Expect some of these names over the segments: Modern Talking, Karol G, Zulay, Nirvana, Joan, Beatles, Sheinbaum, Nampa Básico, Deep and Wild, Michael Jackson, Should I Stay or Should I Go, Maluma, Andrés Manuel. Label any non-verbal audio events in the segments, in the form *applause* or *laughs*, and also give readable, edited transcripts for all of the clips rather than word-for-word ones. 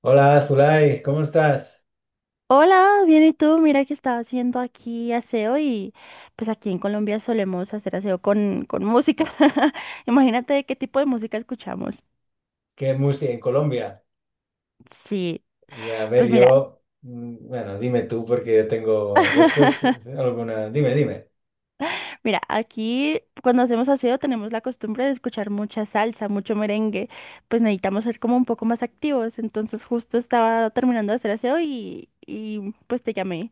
Hola, Zulay, ¿cómo estás? Hola, bien, ¿y tú? Mira que estaba haciendo aquí aseo y pues aquí en Colombia solemos hacer aseo con música. *laughs* Imagínate qué tipo de música escuchamos. ¿Qué música en Colombia? Sí, Y a ver, pues mira, yo, bueno, dime tú porque yo tengo después, alguna. Dime, dime, mira, aquí cuando hacemos aseo tenemos la costumbre de escuchar mucha salsa, mucho merengue, pues necesitamos ser como un poco más activos. Entonces justo estaba terminando de hacer aseo y pues te llamé.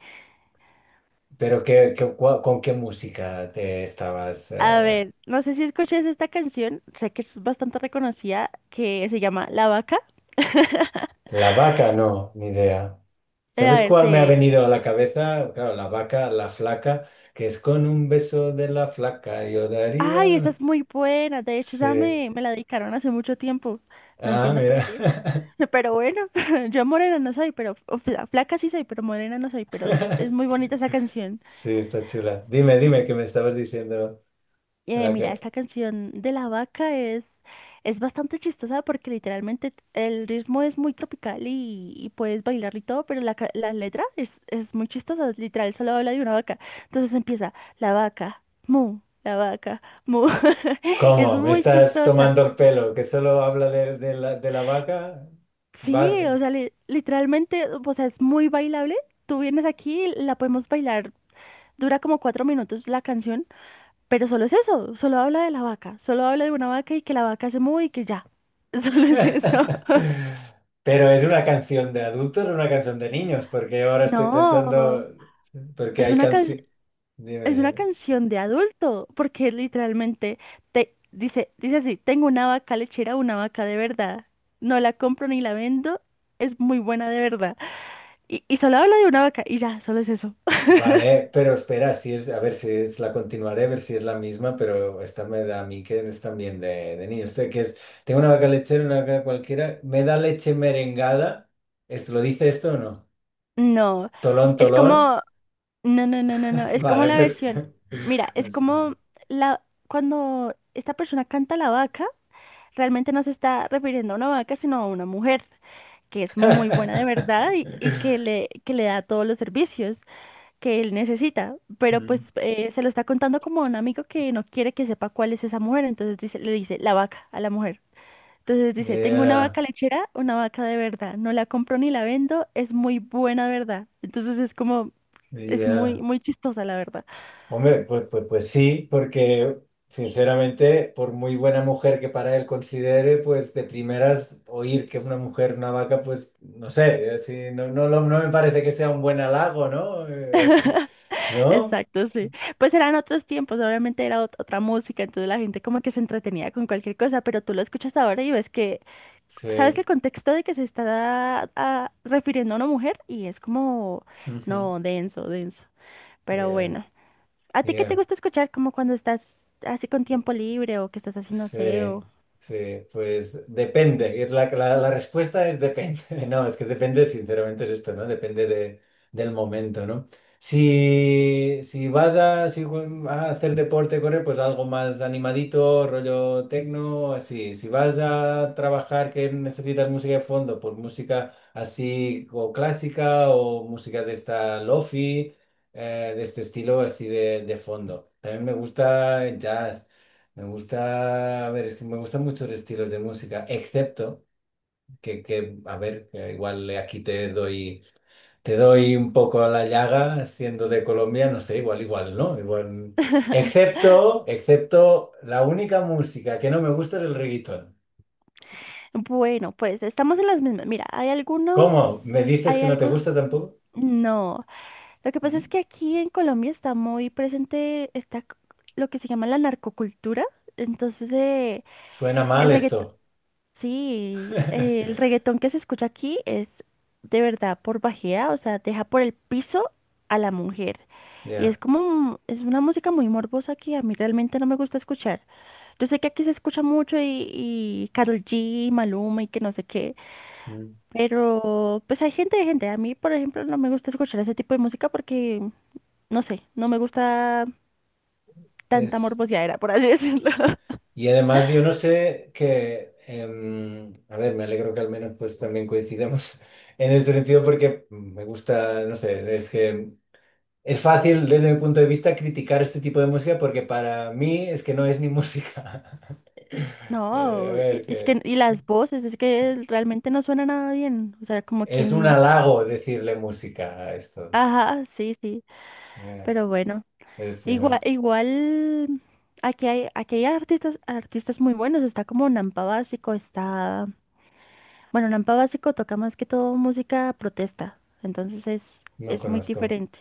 pero ¿con qué música te estabas? A ver, no sé si escuches esta canción, sé que es bastante reconocida, que se llama La Vaca. *laughs* La vaca, no, ni idea. A ¿Sabes ver, cuál me ha te... venido a la cabeza? Claro, la vaca, la flaca, que es con un beso de la flaca, yo Ay, esta daría. es muy buena. De hecho, esa Sí. Me la dedicaron hace mucho tiempo. No Ah, entiendo por mira. qué. *laughs* Pero bueno, *laughs* yo morena no soy, pero flaca sí soy, pero morena no soy. Pero es muy *laughs* bonita esa canción. Sí, está chula. Dime, dime, ¿qué me estabas diciendo? La Mira, que- esta canción de la vaca es bastante chistosa porque literalmente el ritmo es muy tropical y puedes bailar y todo, pero la letra es muy chistosa, literal, solo habla de una vaca. Entonces empieza, la vaca, mu, la vaca, mu. *laughs* Es ¿Cómo? ¿Me muy estás chistosa. tomando el pelo? ¿Que solo habla de la vaca? Sí, o Vaca. sea, literalmente, o sea, es muy bailable. Tú vienes aquí, la podemos bailar, dura como 4 minutos la canción. Pero solo es eso, solo habla de la vaca, solo habla de una vaca y que la vaca se mueve y que ya. *laughs* Solo es eso. *laughs* Pero ¿es una canción de adultos o una canción de niños? Porque ahora estoy No, pensando, porque es hay una can- canciones. es una Dime. canción de adulto, porque literalmente te dice, dice así, tengo una vaca lechera, una vaca de verdad. No la compro ni la vendo, es muy buena de verdad. Y solo habla de una vaca y ya, solo es eso. Vale, pero espera, si es, a ver si es la continuaré, a ver si es la misma, pero esta me da a mí que es también de niños. Este que es, tengo una vaca lechera, una vaca cualquiera, me da leche merengada. ¿Esto lo dice esto o no? No, Tolón, es tolón. como, no, no, no, no, no, es como Vale, la pues, versión. Mira, es pues, como la cuando esta persona canta la vaca realmente no se está refiriendo a una vaca, sino a una mujer que es muy buena de verdad y, *laughs* que le da todos los servicios que él necesita, pero pues mm, se lo está contando como a un amigo que no quiere que sepa cuál es esa mujer, entonces dice, le dice la vaca a la mujer. Entonces dice, tengo una yeah, vaca lechera, una vaca de verdad, no la compro ni la vendo, es muy buena de verdad. Entonces es como, es yeah. muy, muy chistosa la verdad. Hombre, pues, pues, pues sí, porque sinceramente, por muy buena mujer que para él considere, pues de primeras oír que una mujer, una vaca, pues no sé, así, no, no, no me parece que sea un buen halago, ¿no? *laughs* ¿No? Exacto, sí. Pues eran otros tiempos, obviamente era otra música, entonces la gente como que se entretenía con cualquier cosa, pero tú lo escuchas ahora y ves que, sabes Sí. el *laughs* contexto de que se está refiriendo a una mujer y es como, Ujú. no, denso, denso. Pero Yeah, bueno, ¿a ti qué te yeah. gusta escuchar como cuando estás así con tiempo libre o que estás haciendo Sí, aseo? sí, pues depende. Es la respuesta es depende. *laughs* No, es que depende, sinceramente, es esto, ¿no? Depende de, del momento, ¿no? Si, si vas a, si ju- a hacer deporte, correr, pues algo más animadito, rollo tecno, así. Si vas a trabajar que necesitas música de fondo, pues música así o clásica o música de esta lofi, de este estilo así de fondo. También me gusta el jazz. Me gusta, a ver, es que me gustan muchos estilos de música, excepto a ver, que igual aquí te doy un poco a la llaga, siendo de Colombia, no sé, igual, igual, ¿no? Igual, excepto, excepto, la única música que no me gusta es el reggaetón. Bueno, pues estamos en las mismas. Mira, hay ¿Cómo? algunos, ¿Me dices hay que no te algo, gusta tampoco? no. Lo que pasa es ¿Mm? que aquí en Colombia está muy presente está lo que se llama la narcocultura. Entonces, Suena mal el reggaetón, esto. sí, el *laughs* reggaetón que se escucha aquí es de verdad por bajea, o sea, deja por el piso a la mujer. Y es Ya. como, es una música muy morbosa que a mí realmente no me gusta escuchar. Yo sé que aquí se escucha mucho y Karol G, Maluma y que no sé qué, Mm. pero pues hay gente de gente. A mí, por ejemplo, no me gusta escuchar ese tipo de música porque no sé, no me gusta tanta Es. morbosidadera, por así decirlo. *laughs* Y además yo no sé que, a ver, me alegro que al menos pues también coincidamos *laughs* en este sentido porque me gusta, no sé, es que es fácil desde mi punto de vista criticar este tipo de música porque para mí es que no es ni música. *laughs* A No, ver, es que, que y las voces, es que realmente no suena nada bien. O sea, como que, es un n- halago decirle música a esto. ajá, sí, sí, Yeah, pero bueno. este Igual, no, igual, aquí hay artistas, artistas muy buenos. Está como Nampa Básico, está, bueno, Nampa Básico toca más que todo música protesta. Entonces no es muy conozco. diferente.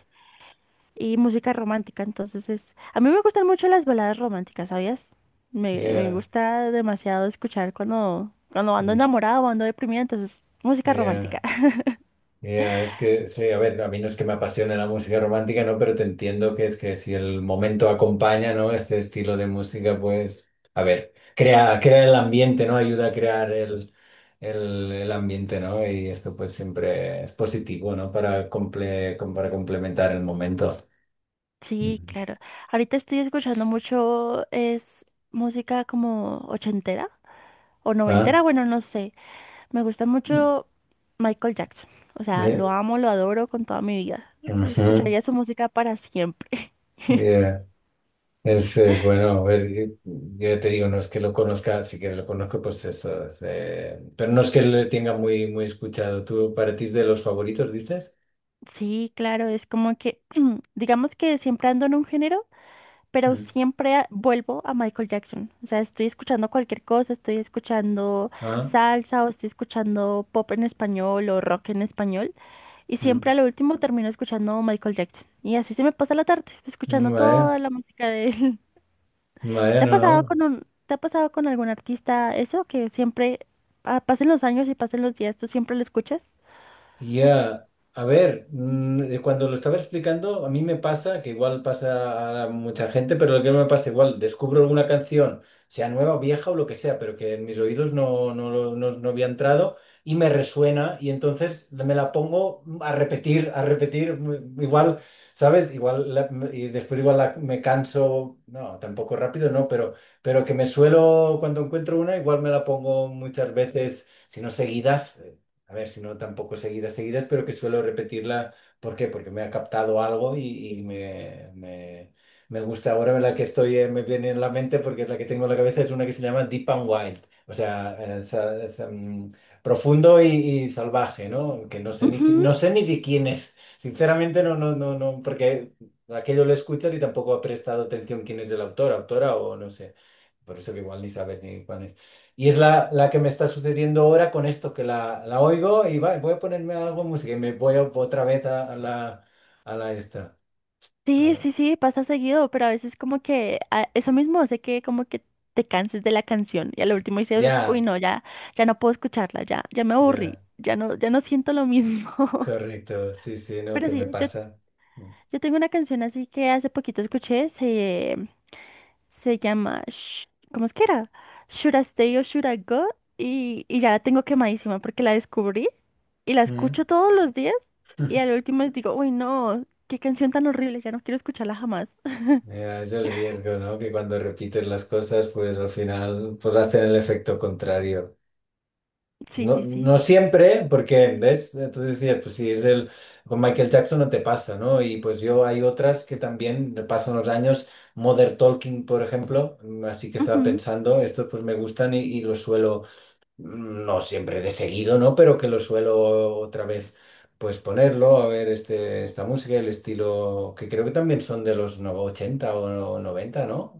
Y música romántica. Entonces es, a mí me gustan mucho las baladas románticas, ¿sabías? Me Yeah. gusta demasiado escuchar cuando, cuando ando mm, enamorada o ando deprimida, entonces música yeah. romántica. *laughs* Ya, es que, sí, a ver, a mí no es que me apasione la música romántica, ¿no? Pero te entiendo que es que si el momento acompaña, ¿no? Este estilo de música, pues, a ver, crea el ambiente, ¿no? Ayuda a crear el ambiente, ¿no? Y esto pues siempre es positivo, ¿no? Para, para complementar el momento. Sí, Ujú. claro. Ahorita estoy escuchando mucho, es música como ochentera o ¿Ah? noventera, bueno, no sé. Me gusta mucho Michael Jackson. O sea, lo Eh, amo, lo adoro con toda mi vida. ujú. Escucharía su música para siempre. *laughs* Eh, es bueno, a ver, yo te digo, no es que lo conozca, si que lo conozco, pues esto, es, pero no es que lo tenga muy, muy escuchado. ¿Tú para ti es de los favoritos, dices? Sí, claro, es como que, *clears throat* digamos que siempre ando en un género pero Mm. siempre vuelvo a Michael Jackson. O sea, estoy escuchando cualquier cosa, estoy escuchando Ah, salsa o estoy escuchando pop en español o rock en español y mm. siempre a lo último termino escuchando Michael Jackson. Y así se me pasa la tarde, escuchando Vale, toda la música de él. *laughs* vale, ¿Te ha no, pasado no. con un, te ha pasado con algún artista eso que siempre pasen los años y pasen los días, tú siempre lo escuchas? Ya, a ver, cuando lo estaba explicando, a mí me pasa, que igual pasa a mucha gente, pero lo que me pasa igual, descubro alguna canción, sea nueva o vieja o lo que sea, pero que en mis oídos no, no, no, no había entrado y me resuena y entonces me la pongo a repetir, igual, ¿sabes? Igual, y después igual me canso, no, tampoco rápido, no, pero que me suelo, cuando encuentro una, igual me la pongo muchas veces si no seguidas, a ver, si no tampoco seguidas, seguidas, pero que suelo repetirla. ¿Por qué? Porque me ha captado algo y me, gusta. Ahora la que estoy, me viene en la mente porque es la que tengo en la cabeza, es una que se llama Deep and Wild. O sea, profundo y salvaje, ¿no? Que no sé ni, no Ujú. sé ni de quién es. Sinceramente, no, no, no, no, porque aquello lo escuchas y tampoco ha prestado atención quién es el autor, autora o no sé. Por eso que igual ni sabes ni cuál es. Y es la que me está sucediendo ahora con esto, que la oigo y va, voy a ponerme algo de música y me voy otra vez a la esta. a Sí, la- sí, sí, pasa seguido, pero a veces como que eso mismo hace que como que te canses de la canción y al último dices, uy, Ya, no, ya, ya no puedo escucharla, ya, ya me aburrí, ya, ya no, ya no siento lo mismo. *laughs* correcto. Sí, sí, ¿no? Pero ¿Qué sí, me yo, pasa? yo tengo una canción así que hace poquito escuché, se llama, Sh- ¿cómo es que era? Should I Stay or Should I Go? Y ya la tengo quemadísima porque la descubrí y la Mm. escucho todos los días y al *laughs* último digo, uy, no, qué canción tan horrible, ya no quiero escucharla jamás. *laughs* Ya, es el riesgo, ¿no? Que cuando repites las cosas, pues al final, pues hacen el efecto contrario. Sí, No, sí, sí, no sí. siempre, porque, ¿ves? Tú decías, pues si es el. Con Michael Jackson no te pasa, ¿no? Y pues yo hay otras que también pasan los años. Modern Talking, por ejemplo, así que estaba Ujú. pensando, estos pues me gustan y los suelo, no siempre de seguido, ¿no? Pero que los suelo otra vez, pues ponerlo, a ver este, esta música, el estilo, que creo que también son de los 80 o noventa, ¿no?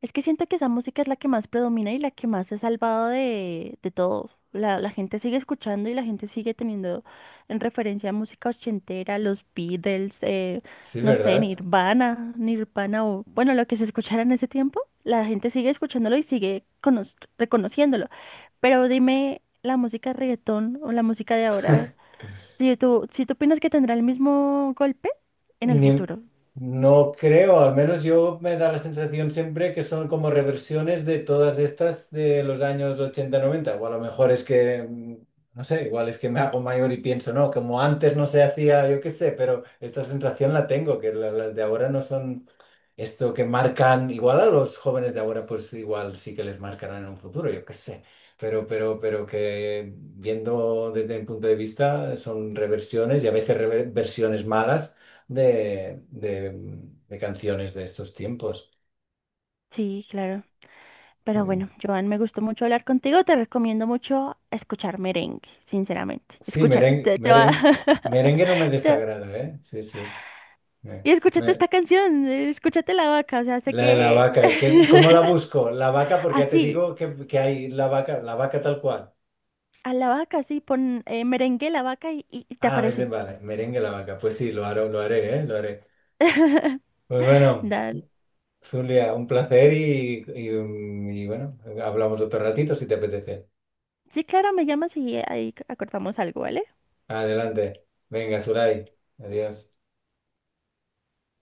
Es que siento que esa música es la que más predomina y la que más se ha salvado de todo. La gente sigue escuchando y la gente sigue teniendo en referencia música ochentera, los Beatles, Sí, no sé, ¿verdad? Nirvana, Nirvana o bueno, lo que se escuchara en ese tiempo, la gente sigue escuchándolo y sigue reconociéndolo. Pero dime la música de reggaetón o la música de ahora, si tú, si tú opinas que tendrá el mismo golpe en el Ni- futuro. no creo, al menos yo me da la sensación siempre que son como reversiones de todas estas de los años ochenta noventa o a lo mejor es que, no sé, igual es que me hago mayor y pienso, no, como antes no se hacía, yo qué sé, pero esta sensación la tengo, que las de ahora no son esto que marcan, igual a los jóvenes de ahora, pues igual sí que les marcarán en un futuro, yo qué sé, pero que viendo desde mi punto de vista son reversiones y a veces reversiones malas de, de canciones de estos tiempos. Sí, claro. Pero bueno, Sí, Joan, me gustó mucho hablar contigo. Te recomiendo mucho escuchar merengue, sinceramente. sí, Escúchalo, merengue, te va... merengue, *laughs* merengue no me te- desagrada, ¿eh? Sí, sí. Eh, Y escúchate me- esta canción, escúchate La Vaca, o sea, sé la de la que... vaca, ¿y cómo la *laughs* busco? La vaca, porque ya te Así, digo que hay la vaca tal cual. a La Vaca, sí, pon merengue La Vaca y, y te Ah, es de aparece. vale, merengue la vaca. Pues sí, lo haré, ¿eh? Lo haré. Pues bueno, Dale. Zulia, un placer y bueno, hablamos otro ratito si te apetece. Sí, claro, me llamas y ahí acordamos algo, ¿vale? Adelante. Venga, Zulay. Adiós.